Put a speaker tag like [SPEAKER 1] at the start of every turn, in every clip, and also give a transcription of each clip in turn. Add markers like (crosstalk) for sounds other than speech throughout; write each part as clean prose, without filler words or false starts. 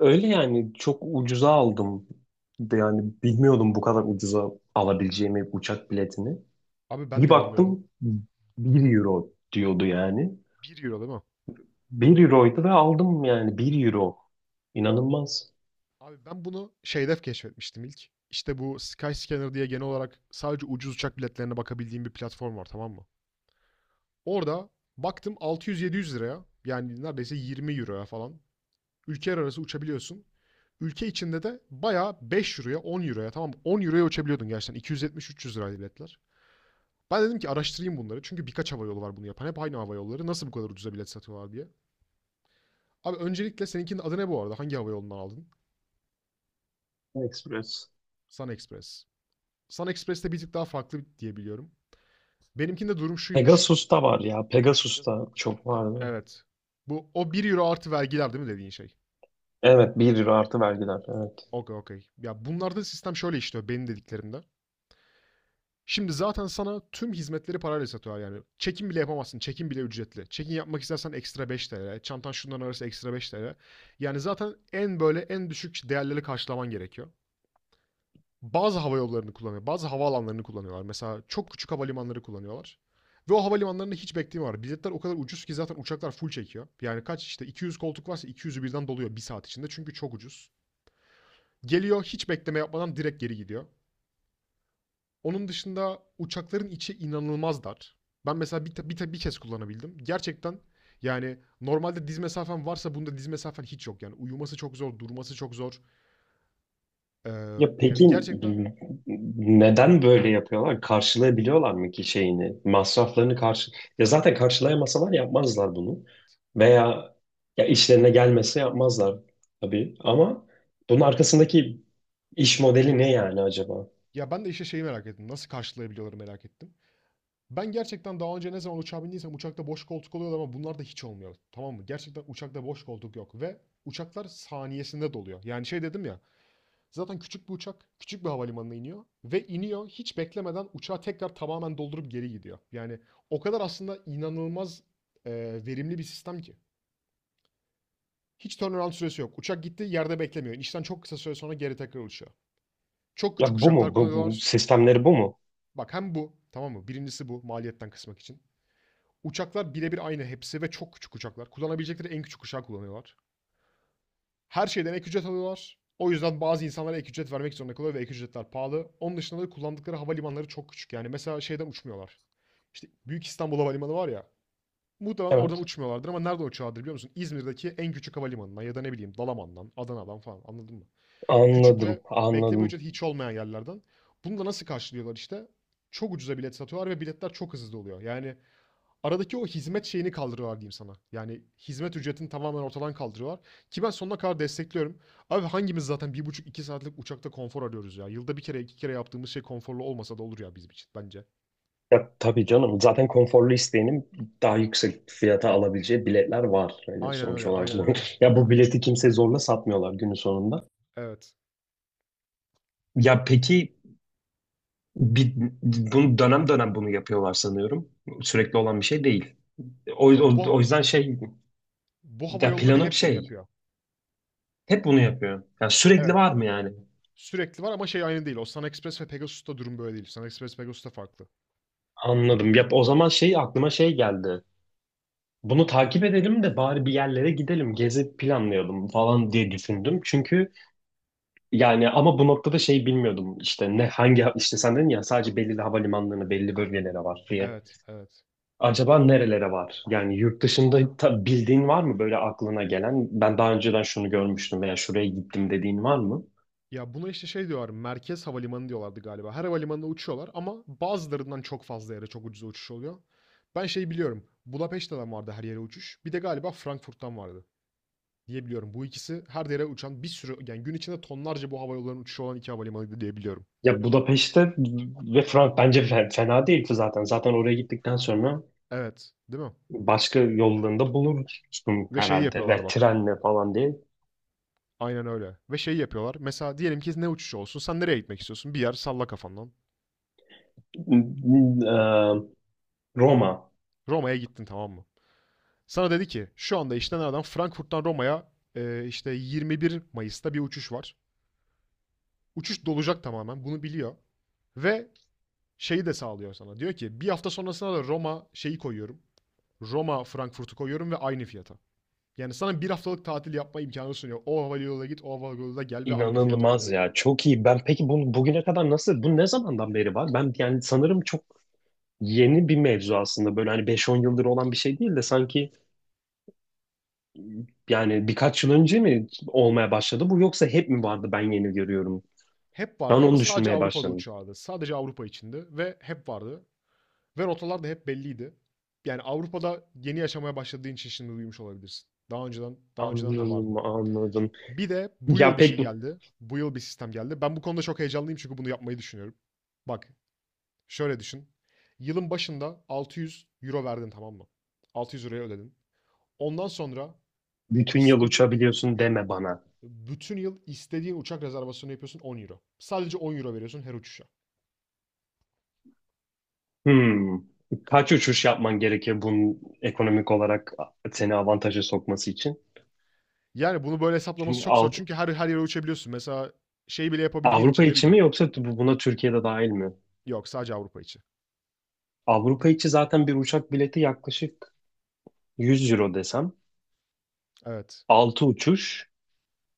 [SPEAKER 1] Öyle yani çok ucuza aldım. Yani bilmiyordum bu kadar ucuza alabileceğimi uçak biletini.
[SPEAKER 2] Abi ben
[SPEAKER 1] Bir
[SPEAKER 2] de bilmiyordum.
[SPEAKER 1] baktım 1 euro diyordu yani.
[SPEAKER 2] 1 euro değil mi?
[SPEAKER 1] Bir euroydu ve aldım, yani 1 euro. İnanılmaz.
[SPEAKER 2] Abi ben bunu şeyde keşfetmiştim ilk. İşte bu Skyscanner diye genel olarak sadece ucuz uçak biletlerine bakabildiğim bir platform var tamam mı? Orada baktım 600-700 liraya yani neredeyse 20 euroya falan ülkeler arası uçabiliyorsun. Ülke içinde de bayağı 5 euroya 10 euroya tamam mı? 10 euroya uçabiliyordun gerçekten 270-300 liraydı biletler. Ben dedim ki araştırayım bunları çünkü birkaç hava yolu var bunu yapan hep aynı hava yolları nasıl bu kadar ucuza bilet satıyorlar diye. Abi öncelikle seninkinin adı ne bu arada hangi hava yolundan aldın?
[SPEAKER 1] Express.
[SPEAKER 2] Sun Express. Sun Express'te bir tık daha farklı diyebiliyorum. Benimkinde durum şuymuş.
[SPEAKER 1] Pegasus'ta var ya. Pegasus'ta çok vardı.
[SPEAKER 2] Evet. Bu o 1 euro artı vergiler değil mi dediğin şey?
[SPEAKER 1] Evet, 1 euro artı vergiler. Evet.
[SPEAKER 2] Okey okey. Ya bunlarda sistem şöyle işliyor benim dediklerimde. Şimdi zaten sana tüm hizmetleri parayla satıyorlar yani. Çekim bile yapamazsın. Çekim bile ücretli. Çekim yapmak istersen ekstra 5 lira, çantan şundan arası ekstra 5 lira. Yani zaten en böyle en düşük değerleri karşılaman gerekiyor. Bazı hava yollarını kullanıyor. Bazı havaalanlarını kullanıyorlar. Mesela çok küçük havalimanları kullanıyorlar. Ve o havalimanlarında hiç bekleme var. Biletler o kadar ucuz ki zaten uçaklar full çekiyor. Yani kaç işte 200 koltuk varsa 200'ü birden doluyor bir saat içinde. Çünkü çok ucuz. Geliyor hiç bekleme yapmadan direkt geri gidiyor. Onun dışında uçakların içi inanılmaz dar. Ben mesela bir kez kullanabildim. Gerçekten yani normalde diz mesafen varsa bunda diz mesafen hiç yok. Yani uyuması çok zor, durması çok zor. Ee,
[SPEAKER 1] Ya
[SPEAKER 2] yani
[SPEAKER 1] peki,
[SPEAKER 2] gerçekten.
[SPEAKER 1] n- neden böyle yapıyorlar? Karşılayabiliyorlar mı ki şeyini? Masraflarını karşı... Ya zaten karşılayamasalar yapmazlar bunu. Veya ya işlerine gelmese yapmazlar tabii. Ama bunun arkasındaki iş modeli ne yani acaba?
[SPEAKER 2] Ya ben de işte şeyi merak ettim. Nasıl karşılayabiliyorlar merak ettim. Ben gerçekten daha önce ne zaman uçağa bindiysem uçakta boş koltuk oluyordu ama bunlar da hiç olmuyor. Tamam mı? Gerçekten uçakta boş koltuk yok ve uçaklar saniyesinde doluyor. Yani şey dedim ya zaten küçük bir uçak küçük bir havalimanına iniyor ve iniyor hiç beklemeden uçağı tekrar tamamen doldurup geri gidiyor. Yani o kadar aslında inanılmaz e, verimli bir sistem ki. Hiç turnaround süresi yok. Uçak gitti yerde beklemiyor. İşten çok kısa süre sonra geri tekrar uçuyor. Çok küçük
[SPEAKER 1] Ya bu
[SPEAKER 2] uçaklar
[SPEAKER 1] mu? Bu
[SPEAKER 2] kullanıyorlar.
[SPEAKER 1] sistemleri bu mu?
[SPEAKER 2] Bak hem bu tamam mı? Birincisi bu maliyetten kısmak için. Uçaklar birebir aynı hepsi ve çok küçük uçaklar. Kullanabilecekleri en küçük uçağı kullanıyorlar. Her şeyden ek ücret alıyorlar. O yüzden bazı insanlara ek ücret vermek zorunda kalıyor ve ek ücretler pahalı. Onun dışında da kullandıkları havalimanları çok küçük. Yani mesela şeyden uçmuyorlar. İşte Büyük İstanbul Havalimanı var ya. Muhtemelen oradan
[SPEAKER 1] Evet.
[SPEAKER 2] uçmuyorlardır ama nereden uçuyorlardır biliyor musun? İzmir'deki en küçük havalimanından ya da ne bileyim Dalaman'dan, Adana'dan falan anladın mı? Küçük
[SPEAKER 1] Anladım,
[SPEAKER 2] ve bekleme
[SPEAKER 1] anladım.
[SPEAKER 2] ücreti hiç olmayan yerlerden. Bunu da nasıl karşılıyorlar işte? Çok ucuza bilet satıyorlar ve biletler çok hızlı oluyor. Yani aradaki o hizmet şeyini kaldırıyorlar diyeyim sana. Yani hizmet ücretini tamamen ortadan kaldırıyorlar. Ki ben sonuna kadar destekliyorum. Abi hangimiz zaten bir buçuk iki saatlik uçakta konfor arıyoruz ya. Yılda bir kere iki kere yaptığımız şey konforlu olmasa da olur ya bizim için bence.
[SPEAKER 1] Ya tabii canım. Zaten konforlu isteyenin daha yüksek fiyata alabileceği biletler var. Yani
[SPEAKER 2] Aynen
[SPEAKER 1] sonuç
[SPEAKER 2] öyle,
[SPEAKER 1] olarak
[SPEAKER 2] aynen
[SPEAKER 1] bunu.
[SPEAKER 2] öyle.
[SPEAKER 1] (laughs) Ya bu bileti kimse zorla satmıyorlar günün sonunda.
[SPEAKER 2] Evet.
[SPEAKER 1] Ya peki bir, bunu dönem dönem bunu yapıyorlar sanıyorum. Sürekli olan bir şey değil. O,
[SPEAKER 2] Yo
[SPEAKER 1] o,
[SPEAKER 2] bu
[SPEAKER 1] o yüzden şey,
[SPEAKER 2] bu hava
[SPEAKER 1] ya
[SPEAKER 2] yolları
[SPEAKER 1] planım
[SPEAKER 2] hep bunu
[SPEAKER 1] şey,
[SPEAKER 2] yapıyor.
[SPEAKER 1] hep bunu yapıyor. Yani sürekli
[SPEAKER 2] Evet.
[SPEAKER 1] var mı yani?
[SPEAKER 2] Sürekli var ama şey aynı değil. Osman Express ve Pegasus'ta durum böyle değil. Osman Express Pegasus'ta farklı.
[SPEAKER 1] Anladım. Ya o zaman şey aklıma şey geldi. Bunu takip edelim de bari bir yerlere gidelim, gezi planlayalım falan diye düşündüm. Çünkü yani ama bu noktada şey bilmiyordum işte ne hangi işte sen dedin ya sadece belirli havalimanlarına belli bölgelere var diye.
[SPEAKER 2] Evet, evet.
[SPEAKER 1] Acaba nerelere var? Yani yurt dışında bildiğin var mı böyle aklına gelen? Ben daha önceden şunu görmüştüm veya şuraya gittim dediğin var mı?
[SPEAKER 2] Ya buna işte şey diyorlar, merkez havalimanı diyorlardı galiba. Her havalimanına uçuyorlar ama bazılarından çok fazla yere çok ucuza uçuş oluyor. Ben şey biliyorum, Budapeşte'den vardı her yere uçuş. Bir de galiba Frankfurt'tan vardı. Diyebiliyorum. Bu ikisi her yere uçan bir sürü yani gün içinde tonlarca bu havayollarının uçuşu olan iki havalimanıydı diye biliyorum.
[SPEAKER 1] Ya Budapeşte ve Frank bence fena değil zaten. Zaten oraya gittikten sonra
[SPEAKER 2] Evet, değil mi?
[SPEAKER 1] başka yollarında bulursun
[SPEAKER 2] Ve şeyi
[SPEAKER 1] herhalde
[SPEAKER 2] yapıyorlar
[SPEAKER 1] ve
[SPEAKER 2] bak.
[SPEAKER 1] trenle falan diye.
[SPEAKER 2] Aynen öyle. Ve şeyi yapıyorlar. Mesela diyelim ki ne uçuşu olsun? Sen nereye gitmek istiyorsun? Bir yer salla kafandan.
[SPEAKER 1] Eee, Roma.
[SPEAKER 2] Roma'ya gittin tamam mı? Sana dedi ki şu anda işte nereden? Frankfurt'tan Roma'ya işte 21 Mayıs'ta bir uçuş var. Uçuş dolacak tamamen. Bunu biliyor. Ve şeyi de sağlıyor sana. Diyor ki bir hafta sonrasına da Roma şeyi koyuyorum. Roma Frankfurt'u koyuyorum ve aynı fiyata. Yani sana bir haftalık tatil yapma imkanı sunuyor. O havayoluyla git, o havayoluyla gel ve aynı fiyatı öde.
[SPEAKER 1] İnanılmaz ya. Çok iyi. Ben peki bugüne kadar nasıl bu ne zamandan beri var? Ben yani sanırım çok yeni bir mevzu aslında. Böyle hani beş on yıldır olan bir şey değil de sanki. Yani birkaç yıl önce mi olmaya başladı bu yoksa hep mi vardı, ben yeni görüyorum?
[SPEAKER 2] Hep
[SPEAKER 1] Ben
[SPEAKER 2] vardı ama
[SPEAKER 1] onu
[SPEAKER 2] sadece
[SPEAKER 1] düşünmeye
[SPEAKER 2] Avrupa'da
[SPEAKER 1] başladım.
[SPEAKER 2] uçağıydı. Sadece Avrupa içindi ve hep vardı. Ve rotalar da hep belliydi. Yani Avrupa'da yeni yaşamaya başladığın için şimdi duymuş olabilirsin. Daha önceden de
[SPEAKER 1] Anladım,
[SPEAKER 2] vardı.
[SPEAKER 1] anladım.
[SPEAKER 2] Bir de bu
[SPEAKER 1] Ya
[SPEAKER 2] yıl bir şey geldi. Bu yıl bir sistem geldi. Ben bu konuda çok heyecanlıyım çünkü bunu yapmayı düşünüyorum. Bak, şöyle düşün. Yılın başında 600 euro verdin tamam mı? 600 euroya ödedin. Ondan sonra
[SPEAKER 1] bütün yıl
[SPEAKER 2] istediğin
[SPEAKER 1] uçabiliyorsun deme bana.
[SPEAKER 2] bütün yıl istediğin uçak rezervasyonu yapıyorsun 10 euro. Sadece 10 euro veriyorsun her uçuşa.
[SPEAKER 1] Hmm. Kaç uçuş yapman gerekir bunun ekonomik olarak seni avantaja sokması için?
[SPEAKER 2] Yani bunu böyle hesaplaması
[SPEAKER 1] Çünkü
[SPEAKER 2] çok zor çünkü her yere uçabiliyorsun. Mesela şey bile yapabildiğin
[SPEAKER 1] Avrupa
[SPEAKER 2] için de
[SPEAKER 1] içi mi
[SPEAKER 2] bileyim.
[SPEAKER 1] yoksa buna Türkiye'de dahil mi?
[SPEAKER 2] Yok sadece Avrupa içi.
[SPEAKER 1] Avrupa içi zaten bir uçak bileti yaklaşık 100 euro desem.
[SPEAKER 2] Evet.
[SPEAKER 1] 6 uçuş.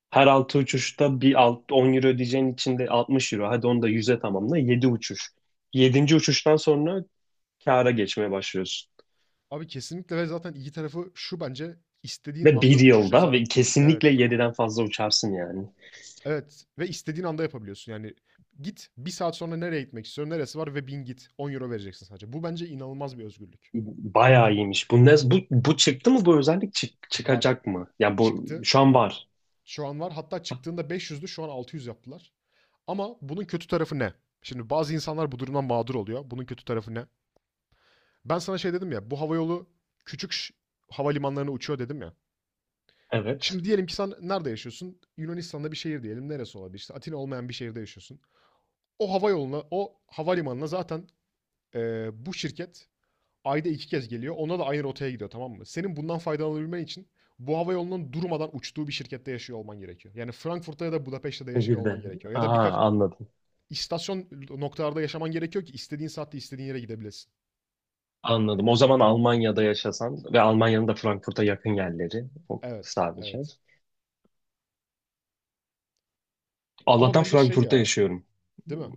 [SPEAKER 1] Her 6 uçuşta bir 10 euro ödeyeceğin için de 60 euro. Hadi onu da 100'e tamamla. Yedi uçuş. Yedinci uçuştan sonra kâra geçmeye başlıyorsun.
[SPEAKER 2] Abi kesinlikle ve zaten iyi tarafı şu bence istediğin
[SPEAKER 1] Ve
[SPEAKER 2] anda
[SPEAKER 1] bir
[SPEAKER 2] uçuş
[SPEAKER 1] yılda ve
[SPEAKER 2] rezervasyonu.
[SPEAKER 1] kesinlikle
[SPEAKER 2] Evet.
[SPEAKER 1] yediden fazla uçarsın yani.
[SPEAKER 2] Evet ve istediğin anda yapabiliyorsun. Yani git bir saat sonra nereye gitmek istiyorum neresi var ve bin git 10 euro vereceksin sadece. Bu bence inanılmaz bir özgürlük.
[SPEAKER 1] Bayağı iyiymiş. Bu çıktı mı? Bu özellik
[SPEAKER 2] Var.
[SPEAKER 1] çıkacak mı? Ya bu
[SPEAKER 2] Çıktı.
[SPEAKER 1] şu an var.
[SPEAKER 2] Şu an var. Hatta çıktığında 500'dü şu an 600 yaptılar. Ama bunun kötü tarafı ne? Şimdi bazı insanlar bu durumdan mağdur oluyor. Bunun kötü tarafı ne? Ben sana şey dedim ya, bu havayolu küçük havalimanlarına uçuyor dedim ya. Şimdi
[SPEAKER 1] Evet.
[SPEAKER 2] diyelim ki sen nerede yaşıyorsun? Yunanistan'da bir şehir diyelim. Neresi olabilir? İşte Atina olmayan bir şehirde yaşıyorsun. O havayoluna, o havalimanına zaten bu şirket ayda iki kez geliyor. Ona da aynı rotaya gidiyor tamam mı? Senin bundan faydalanabilmen için bu havayolunun durmadan uçtuğu bir şirkette yaşıyor olman gerekiyor. Yani Frankfurt'ta ya da Budapeşte'de yaşıyor olman
[SPEAKER 1] Nehirde.
[SPEAKER 2] gerekiyor. Ya da
[SPEAKER 1] Aha,
[SPEAKER 2] birkaç
[SPEAKER 1] anladım.
[SPEAKER 2] istasyon noktalarda yaşaman gerekiyor ki istediğin saatte istediğin yere gidebilesin.
[SPEAKER 1] Anladım. O zaman Almanya'da yaşasan ve Almanya'nın da Frankfurt'a yakın yerleri o
[SPEAKER 2] Evet,
[SPEAKER 1] sadece.
[SPEAKER 2] evet. Ama
[SPEAKER 1] Allah'tan
[SPEAKER 2] bence şey
[SPEAKER 1] Frankfurt'ta
[SPEAKER 2] ya,
[SPEAKER 1] yaşıyorum.
[SPEAKER 2] değil mi?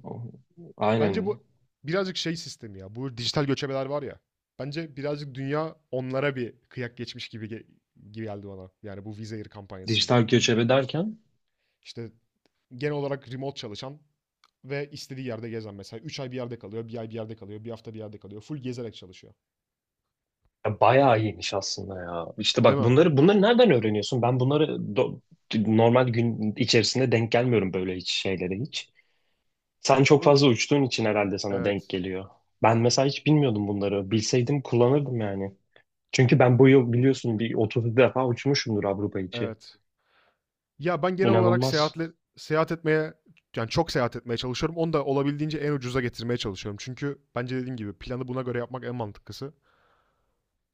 [SPEAKER 2] Bence
[SPEAKER 1] Aynen.
[SPEAKER 2] bu birazcık şey sistemi ya. Bu dijital göçebeler var ya. Bence birazcık dünya onlara bir kıyak geçmiş gibi geldi bana. Yani bu Wizz Air kampanyasında.
[SPEAKER 1] Dijital göçebe derken?
[SPEAKER 2] İşte genel olarak remote çalışan ve istediği yerde gezen mesela. Üç ay bir yerde kalıyor, bir ay bir yerde kalıyor, bir hafta bir yerde kalıyor. Full gezerek çalışıyor.
[SPEAKER 1] Ya bayağı iyiymiş aslında ya. İşte
[SPEAKER 2] Değil
[SPEAKER 1] bak
[SPEAKER 2] mi?
[SPEAKER 1] bunları nereden öğreniyorsun? Ben bunları normal gün içerisinde denk gelmiyorum böyle hiç şeylere hiç. Sen çok
[SPEAKER 2] Abi,
[SPEAKER 1] fazla uçtuğun için herhalde sana denk
[SPEAKER 2] evet,
[SPEAKER 1] geliyor. Ben mesela hiç bilmiyordum bunları. Bilseydim kullanırdım yani. Çünkü ben bu yıl biliyorsun bir 30 defa uçmuşumdur Avrupa içi.
[SPEAKER 2] evet. Ya ben genel olarak
[SPEAKER 1] İnanılmaz.
[SPEAKER 2] seyahat etmeye yani çok seyahat etmeye çalışıyorum. Onu da olabildiğince en ucuza getirmeye çalışıyorum. Çünkü bence dediğim gibi planı buna göre yapmak en mantıklısı.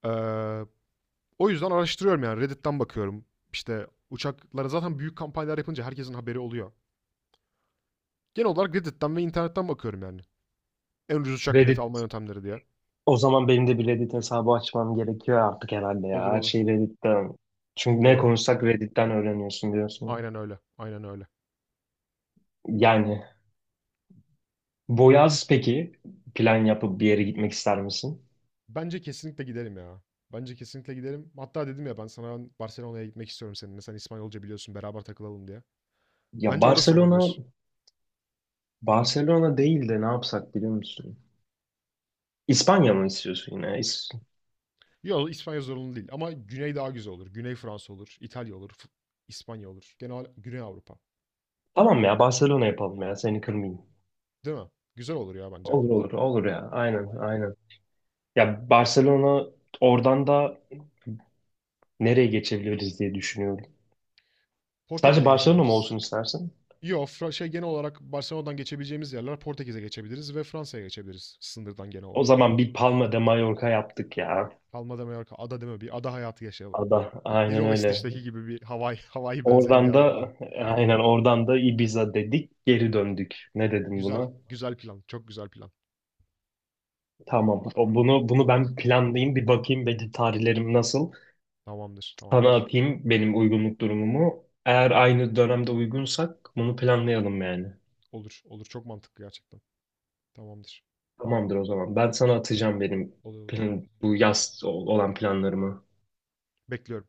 [SPEAKER 2] Ee, o yüzden araştırıyorum yani Reddit'ten bakıyorum. İşte uçaklara zaten büyük kampanyalar yapınca herkesin haberi oluyor. Genel olarak Reddit'ten ve internetten bakıyorum yani. En ucuz uçak bileti
[SPEAKER 1] Reddit,
[SPEAKER 2] alma yöntemleri diye.
[SPEAKER 1] o zaman benim de bir Reddit hesabı açmam gerekiyor artık herhalde
[SPEAKER 2] Olur
[SPEAKER 1] ya. Her
[SPEAKER 2] olur.
[SPEAKER 1] şeyi Reddit'ten. Çünkü ne
[SPEAKER 2] Doğru.
[SPEAKER 1] konuşsak Reddit'ten öğreniyorsun diyorsun.
[SPEAKER 2] Aynen öyle. Aynen öyle.
[SPEAKER 1] Yani bu, peki, plan yapıp bir yere gitmek ister misin?
[SPEAKER 2] Bence kesinlikle gidelim ya. Bence kesinlikle gidelim. Hatta dedim ya ben sana ben Barcelona'ya gitmek istiyorum seninle. Sen İspanyolca biliyorsun beraber takılalım diye.
[SPEAKER 1] Ya
[SPEAKER 2] Bence orası
[SPEAKER 1] Barcelona,
[SPEAKER 2] olabilir.
[SPEAKER 1] Barcelona değil de ne yapsak biliyor musun? İspanya mı istiyorsun yine?
[SPEAKER 2] Yok İspanya zorunlu değil ama Güney daha güzel olur. Güney Fransa olur, İtalya olur, İspanya olur. Genel Güney Avrupa.
[SPEAKER 1] Tamam ya, Barcelona
[SPEAKER 2] Barcelona
[SPEAKER 1] yapalım ya,
[SPEAKER 2] yapalım
[SPEAKER 1] seni
[SPEAKER 2] ya. Senin
[SPEAKER 1] kırmayayım.
[SPEAKER 2] kararın. Değil mi? Güzel olur ya
[SPEAKER 1] Olur
[SPEAKER 2] bence.
[SPEAKER 1] olur olur ya,
[SPEAKER 2] Olur ya.
[SPEAKER 1] aynen
[SPEAKER 2] Aynen.
[SPEAKER 1] aynen.
[SPEAKER 2] Aynen.
[SPEAKER 1] Ya Barcelona, oradan da nereye geçebiliriz diye düşünüyorum. Sadece
[SPEAKER 2] Portekiz'e
[SPEAKER 1] Barcelona mı
[SPEAKER 2] geçebiliriz.
[SPEAKER 1] olsun istersin?
[SPEAKER 2] Yok, şey genel olarak Barcelona'dan geçebileceğimiz yerler Portekiz'e geçebiliriz ve Fransa'ya geçebiliriz sınırdan genel
[SPEAKER 1] O
[SPEAKER 2] olarak.
[SPEAKER 1] zaman bir Palma de Mallorca yaptık
[SPEAKER 2] Ya.
[SPEAKER 1] ya.
[SPEAKER 2] Palma de Mallorca, ada değil mi? Bir ada hayatı yaşayalım.
[SPEAKER 1] Ada, aynen
[SPEAKER 2] Lilo ve
[SPEAKER 1] öyle.
[SPEAKER 2] Stitch'teki gibi bir Hawaii, (laughs) Hawaii benzeri bir
[SPEAKER 1] Oradan
[SPEAKER 2] yerde kalalım.
[SPEAKER 1] da, aynen, oradan da Ibiza dedik, geri döndük. Ne dedim
[SPEAKER 2] Güzel,
[SPEAKER 1] buna?
[SPEAKER 2] güzel plan, çok güzel plan.
[SPEAKER 1] Tamam. Bunu ben planlayayım, bir bakayım belki tarihlerim nasıl.
[SPEAKER 2] Tamamdır,
[SPEAKER 1] Sana
[SPEAKER 2] tamamdır.
[SPEAKER 1] atayım benim uygunluk durumumu. Eğer aynı dönemde uygunsak bunu planlayalım yani.
[SPEAKER 2] Olur, olur. Çok mantıklı gerçekten. Tamamdır.
[SPEAKER 1] Tamamdır o zaman. Ben sana atacağım benim
[SPEAKER 2] Oluyor olur.
[SPEAKER 1] bu yaz olan planlarımı.
[SPEAKER 2] Bekliyorum.